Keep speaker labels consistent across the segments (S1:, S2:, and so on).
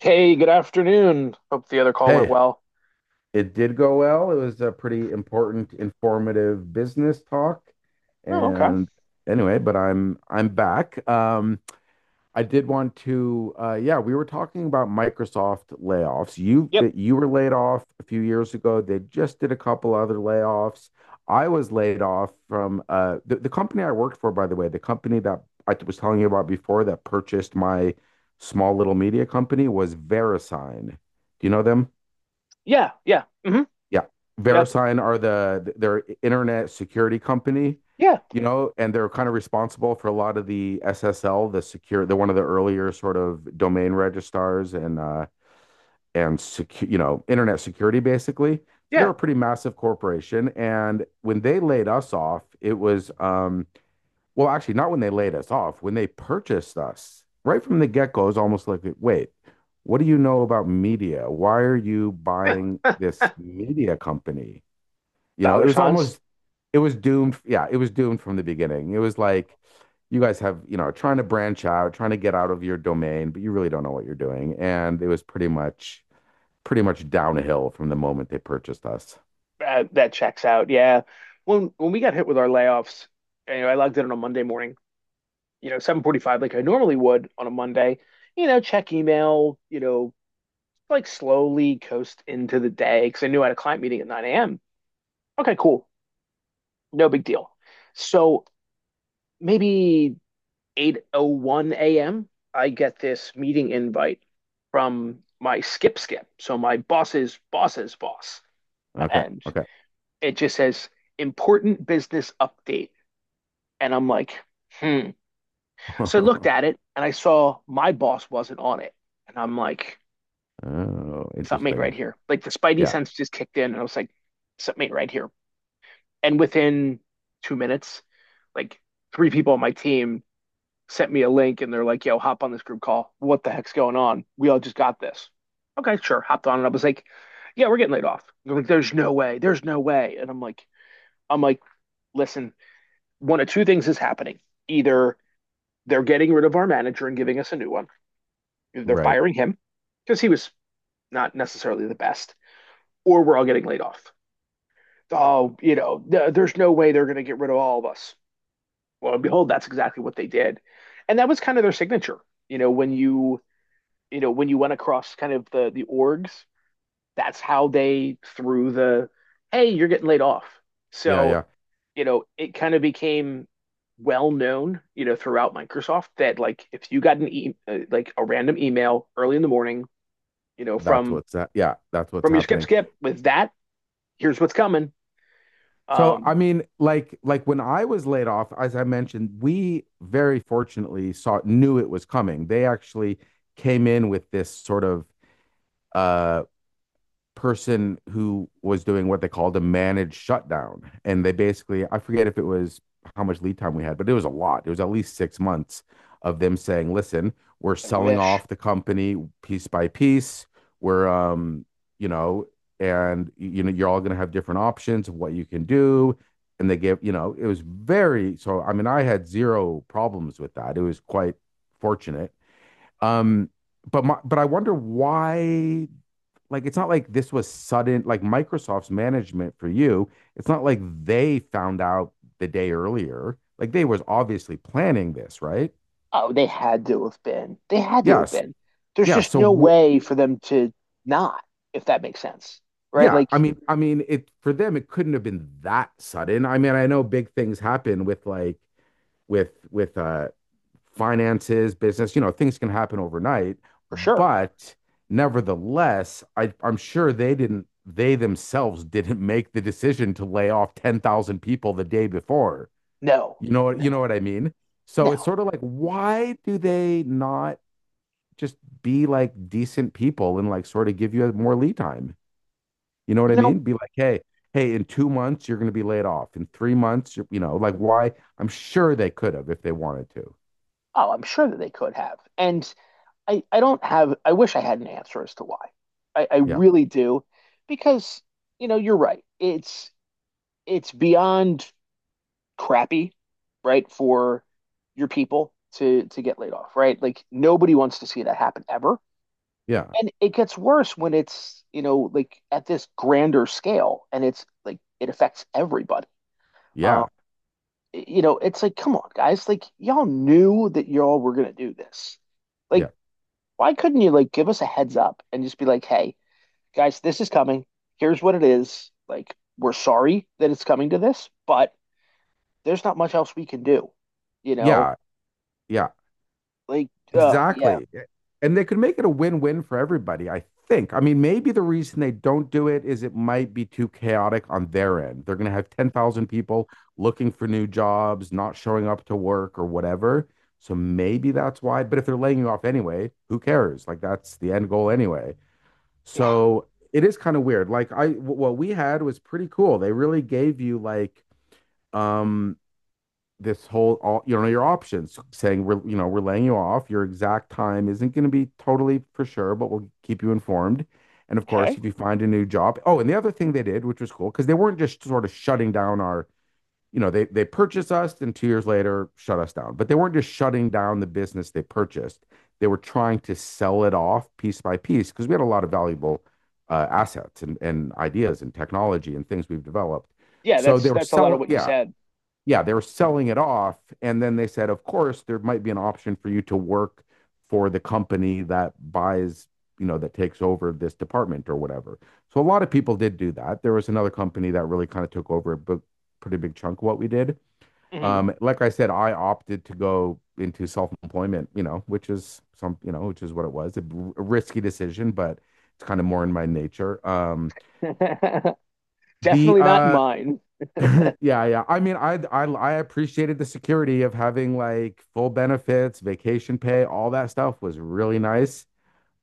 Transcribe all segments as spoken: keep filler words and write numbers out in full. S1: Hey, good afternoon. Hope the other call went
S2: Hey,
S1: well.
S2: it did go well. It was a pretty important, informative business talk.
S1: Oh, okay.
S2: And anyway, but I'm I'm back. Um, I did want to uh, yeah, we were talking about Microsoft layoffs. You
S1: Yep.
S2: you were laid off a few years ago. They just did a couple other layoffs. I was laid off from uh, the, the company I worked for, by the way, the company that I was telling you about before that purchased my small little media company was VeriSign. Do you know them?
S1: Yeah. Yeah. hmm
S2: Yeah.
S1: Yep.
S2: VeriSign are the their internet security company,
S1: Yeah.
S2: you know, and they're kind of responsible for a lot of the S S L, the secure, they're one of the earlier sort of domain registrars and uh and secure, you know, internet security basically. So they are
S1: Yeah.
S2: a pretty massive corporation. And when they laid us off, it was um well, actually not when they laid us off, when they purchased us. Right from the get-go, it was almost like, wait, what do you know about media? Why are you buying
S1: Huh. huh.
S2: this media company? You know, it
S1: Dollar
S2: was
S1: signs.
S2: almost it was doomed. Yeah, it was doomed from the beginning. It was like you guys have, you know, trying to branch out, trying to get out of your domain, but you really don't know what you're doing. And it was pretty much pretty much downhill from the moment they purchased us.
S1: Uh, that checks out. Yeah. When when we got hit with our layoffs, anyway, I logged in on a Monday morning, you know, seven forty-five like I normally would on a Monday. You know, check email, you know, like slowly coast into the day because I knew I had a client meeting at nine a m. Okay, cool. No big deal. So maybe eight oh one a m, I get this meeting invite from my skip skip, so my boss's boss's boss,
S2: Okay.
S1: and
S2: Okay.
S1: it just says important business update, and I'm like, hmm. So I looked at it and I saw my boss wasn't on it, and I'm like,
S2: Oh,
S1: something ain't
S2: interesting.
S1: right here. Like the spidey
S2: Yeah.
S1: sense just kicked in, and I was like, something ain't right here. And within two minutes, like three people on my team sent me a link and they're like, yo, hop on this group call. What the heck's going on? We all just got this. Okay, sure. Hopped on and I was like, yeah, we're getting laid off. They're like, there's no way. There's no way. And I'm like, I'm like, listen, one of two things is happening. Either they're getting rid of our manager and giving us a new one. Either they're
S2: Right.
S1: firing him because he was not necessarily the best, or we're all getting laid off. Oh, you know, th- there's no way they're going to get rid of all of us. Well, behold, that's exactly what they did. And that was kind of their signature. You know, when you you know, when you went across kind of the the orgs, that's how they threw the hey, you're getting laid off.
S2: Yeah,
S1: So,
S2: yeah.
S1: you know, it kind of became well known, you know, throughout Microsoft that like if you got an e- uh, like a random email early in the morning, you know,
S2: That's
S1: from
S2: what's that. Yeah, that's what's
S1: from your skip
S2: happening.
S1: skip with that, here's what's coming.
S2: So
S1: Um,
S2: I mean, like like when I was laid off, as I mentioned, we very fortunately saw knew it was coming. They actually came in with this sort of uh person who was doing what they called a managed shutdown. And they basically, I forget if it was how much lead time we had, but it was a lot. It was at least six months of them saying, listen, we're
S1: I
S2: selling
S1: wish.
S2: off the company piece by piece. We're, um, you know, and you know, you're all going to have different options of what you can do. And they give, you know, it was very, so I mean, I had zero problems with that. It was quite fortunate. Um, but my, but I wonder why like it's not like this was sudden like Microsoft's management for you. It's not like they found out the day earlier. Like they was obviously planning this, right?
S1: Oh, they had to have been. They had to have
S2: Yes.
S1: been. There's
S2: Yeah.
S1: just
S2: So
S1: no
S2: w-
S1: way for them to not, if that makes sense, right?
S2: yeah,
S1: Like
S2: I mean I mean it for them it couldn't have been that sudden. I mean I know big things happen with like with with uh, finances, business. You know, things can happen overnight,
S1: for sure.
S2: but nevertheless, I, I'm sure they didn't. They themselves didn't make the decision to lay off ten thousand people the day before.
S1: No,
S2: You know,
S1: no,
S2: you know what I mean? So it's
S1: no.
S2: sort of like, why do they not just be like decent people and like sort of give you more lead time? You know what I
S1: You know,
S2: mean? Be like, hey, hey, in two months you're going to be laid off. In three months, you know, like why? I'm sure they could have if they wanted to.
S1: oh, I'm sure that they could have. And I, I don't have, I wish I had an answer as to why. I, I
S2: yeah,
S1: really do. Because, you know, you're right. It's it's beyond crappy, right, for your people to to get laid off, right? Like nobody wants to see that happen ever.
S2: yeah,
S1: And it gets worse when it's, you know, like at this grander scale and it's like it affects everybody. Um,
S2: yeah,
S1: you know, it's like, come on, guys, like y'all knew that y'all were gonna do this.
S2: yeah,
S1: Like why couldn't you like give us a heads up and just be like, hey, guys, this is coming. Here's what it is. Like, we're sorry that it's coming to this, but there's not much else we can do. You know,
S2: yeah, yeah,
S1: like, uh, yeah,
S2: exactly. Yeah. And they could make it a win-win for everybody, I think. I mean, maybe the reason they don't do it is it might be too chaotic on their end. They're going to have ten thousand people looking for new jobs, not showing up to work or whatever. So maybe that's why. But if they're laying you off anyway, who cares? Like that's the end goal anyway.
S1: yeah,
S2: So it is kind of weird. Like I, w- what we had was pretty cool. They really gave you like, um, this whole all you know your options saying we're you know we're laying you off your exact time isn't going to be totally for sure but we'll keep you informed and of course
S1: okay,
S2: if you find a new job oh and the other thing they did which was cool because they weren't just sort of shutting down our you know they they purchased us and two years later shut us down but they weren't just shutting down the business they purchased they were trying to sell it off piece by piece because we had a lot of valuable uh, assets and, and ideas and technology and things we've developed
S1: yeah.
S2: so
S1: That's
S2: they were
S1: that's a lot of
S2: selling
S1: what you
S2: yeah
S1: said.
S2: yeah, they were selling it off. And then they said, of course, there might be an option for you to work for the company that buys, you know, that takes over this department or whatever. So a lot of people did do that. There was another company that really kind of took over a pretty big chunk of what we did.
S1: Mhm.
S2: Um, like I said, I opted to go into self-employment, you know, which is some, you know, which is what it was, a a risky decision, but it's kind of more in my nature. Um, the
S1: Definitely not
S2: uh,
S1: mine.
S2: Yeah, yeah. I mean, I I I appreciated the security of having like full benefits, vacation pay, all that stuff was really nice.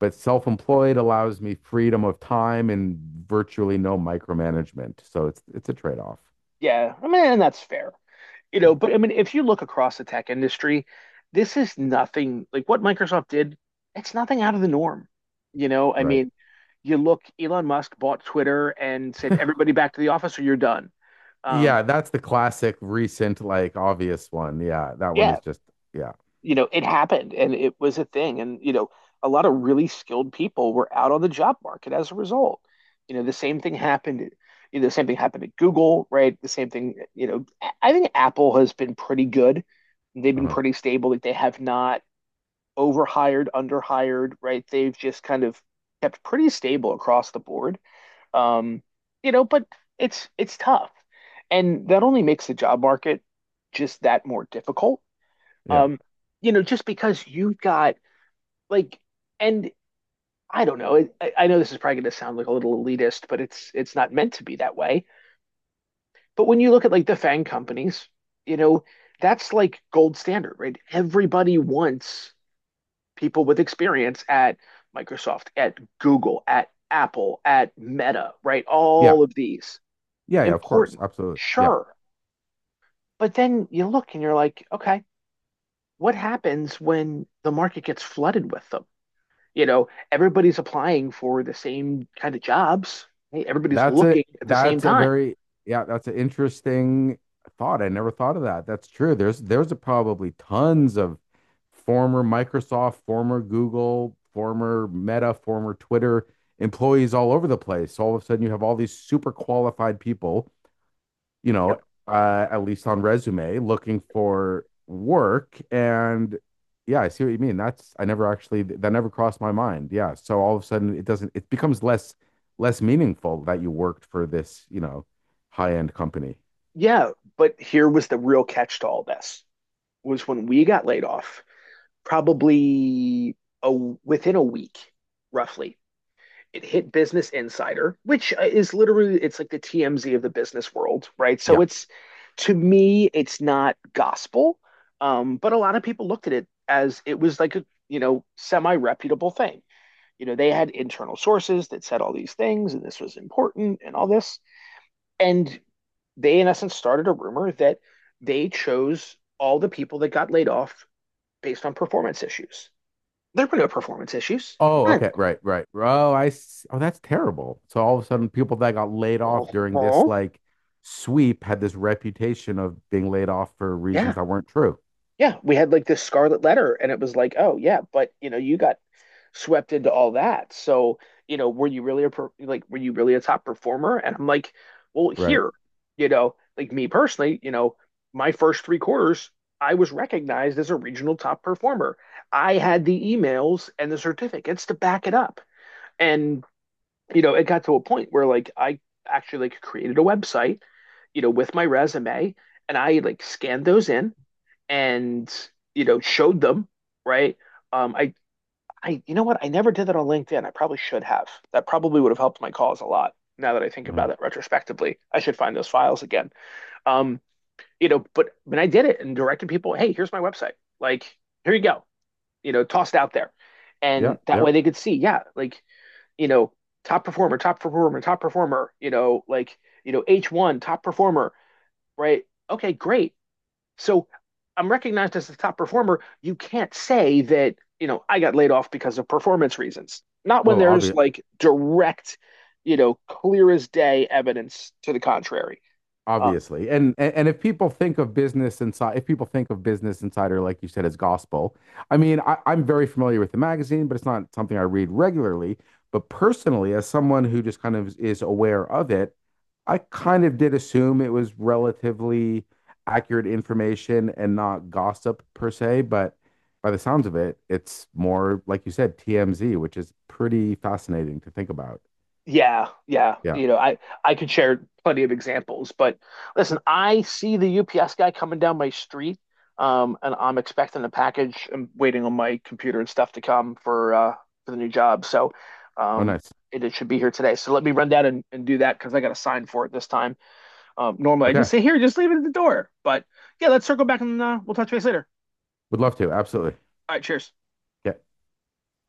S2: But self-employed allows me freedom of time and virtually no micromanagement. So it's it's a trade-off.
S1: Yeah, I mean, and that's fair. You
S2: Yeah,
S1: know, but I mean, if you look across the tech industry, this is nothing like what Microsoft did. It's nothing out of the norm. You know, I
S2: right.
S1: mean, you look, Elon Musk bought Twitter and said, everybody back to the office or you're done. Um,
S2: Yeah, that's the classic recent, like obvious one. Yeah, that one is
S1: yeah,
S2: just yeah.
S1: you know, it happened and it was a thing. And, you know, a lot of really skilled people were out on the job market as a result. You know, the same thing happened. You know, the same thing happened at Google, right? The same thing, you know, I think Apple has been pretty good. They've been
S2: Uh-huh.
S1: pretty stable. Like they have not overhired, underhired, right? They've just kind of kept pretty stable across the board. Um, you know, but it's it's tough. And that only makes the job market just that more difficult.
S2: Yeah.
S1: Um, you know, just because you've got like and I don't know, I, I know this is probably gonna sound like a little elitist, but it's it's not meant to be that way. But when you look at like the fang companies, you know, that's like gold standard, right? Everybody wants people with experience at Microsoft, at Google, at Apple, at Meta, right?
S2: Yeah.
S1: All of these.
S2: Yeah, yeah, of course.
S1: Important,
S2: Absolutely. Yeah.
S1: sure. But then you look and you're like, okay, what happens when the market gets flooded with them? You know, everybody's applying for the same kind of jobs, right? Everybody's
S2: That's a
S1: looking at the same
S2: that's a
S1: time.
S2: very yeah, that's an interesting thought. I never thought of that. That's true. There's there's probably tons of former Microsoft, former Google, former Meta, former Twitter employees all over the place. So all of a sudden you have all these super qualified people you know,
S1: Yep.
S2: uh, at least on resume, looking for work. And yeah, I see what you mean. That's I never actually that never crossed my mind. Yeah. So all of a sudden it doesn't it becomes less less meaningful that you worked for this, you know, high-end company.
S1: Yeah, but here was the real catch to all this was when we got laid off, probably a, within a week, roughly, it hit Business Insider, which uh, is literally it's like the T M Z of the business world, right? So
S2: Yeah.
S1: it's to me, it's not gospel, um, but a lot of people looked at it as it was like a you know semi reputable thing. You know, they had internal sources that said all these things, and this was important, and all this, and they in essence started a rumor that they chose all the people that got laid off based on performance issues. There were no performance issues.
S2: Oh,
S1: None.
S2: okay. Right, right. Oh, I s- oh that's terrible. So all of a sudden people that got laid
S1: Oh,
S2: off during this
S1: oh,
S2: like sweep had this reputation of being laid off for
S1: yeah.
S2: reasons that weren't true.
S1: Yeah, we had like this scarlet letter, and it was like, oh yeah, but you know, you got swept into all that. So, you know, were you really a per like were you really a top performer? And I'm like, well,
S2: Right.
S1: here, you know, like me personally, you know, my first three quarters, I was recognized as a regional top performer. I had the emails and the certificates to back it up. And, you know, it got to a point where like I actually like created a website, you know, with my resume, and I like scanned those in and you know showed them, right? Um, I I you know what? I never did that on LinkedIn. I probably should have. That probably would have helped my cause a lot. Now that I think
S2: Uh,
S1: about it retrospectively, I should find those files again. Um, you know, but when I did it and directed people, hey, here's my website. Like, here you go. You know, tossed out there,
S2: yeah,
S1: and that
S2: yeah.
S1: way they could see, yeah, like you know, top performer, top performer, top performer. You know, like you know, H one top performer, right? Okay, great. So I'm recognized as the top performer. You can't say that, you know, I got laid off because of performance reasons. Not when
S2: Well,
S1: there's
S2: obvious
S1: like direct, you know, clear as day evidence to the contrary. Uh,
S2: obviously and, and and if people think of business inside if people think of business insider like you said as gospel I mean I, I'm very familiar with the magazine but it's not something I read regularly but personally as someone who just kind of is aware of it I kind of did assume it was relatively accurate information and not gossip per se but by the sounds of it it's more like you said tmz which is pretty fascinating to think about
S1: Yeah, yeah.
S2: yeah
S1: You know, I I could share plenty of examples, but listen, I see the U P S guy coming down my street, um, and I'm expecting a package. I'm waiting on my computer and stuff to come for uh for the new job. So,
S2: oh
S1: um,
S2: nice
S1: it, it should be here today. So let me run down and, and do that because I got a sign for it this time. Um, normally I just
S2: okay
S1: say here, just leave it at the door. But yeah, let's circle back and uh, we'll touch base later.
S2: would love to absolutely
S1: All right, cheers.
S2: yeah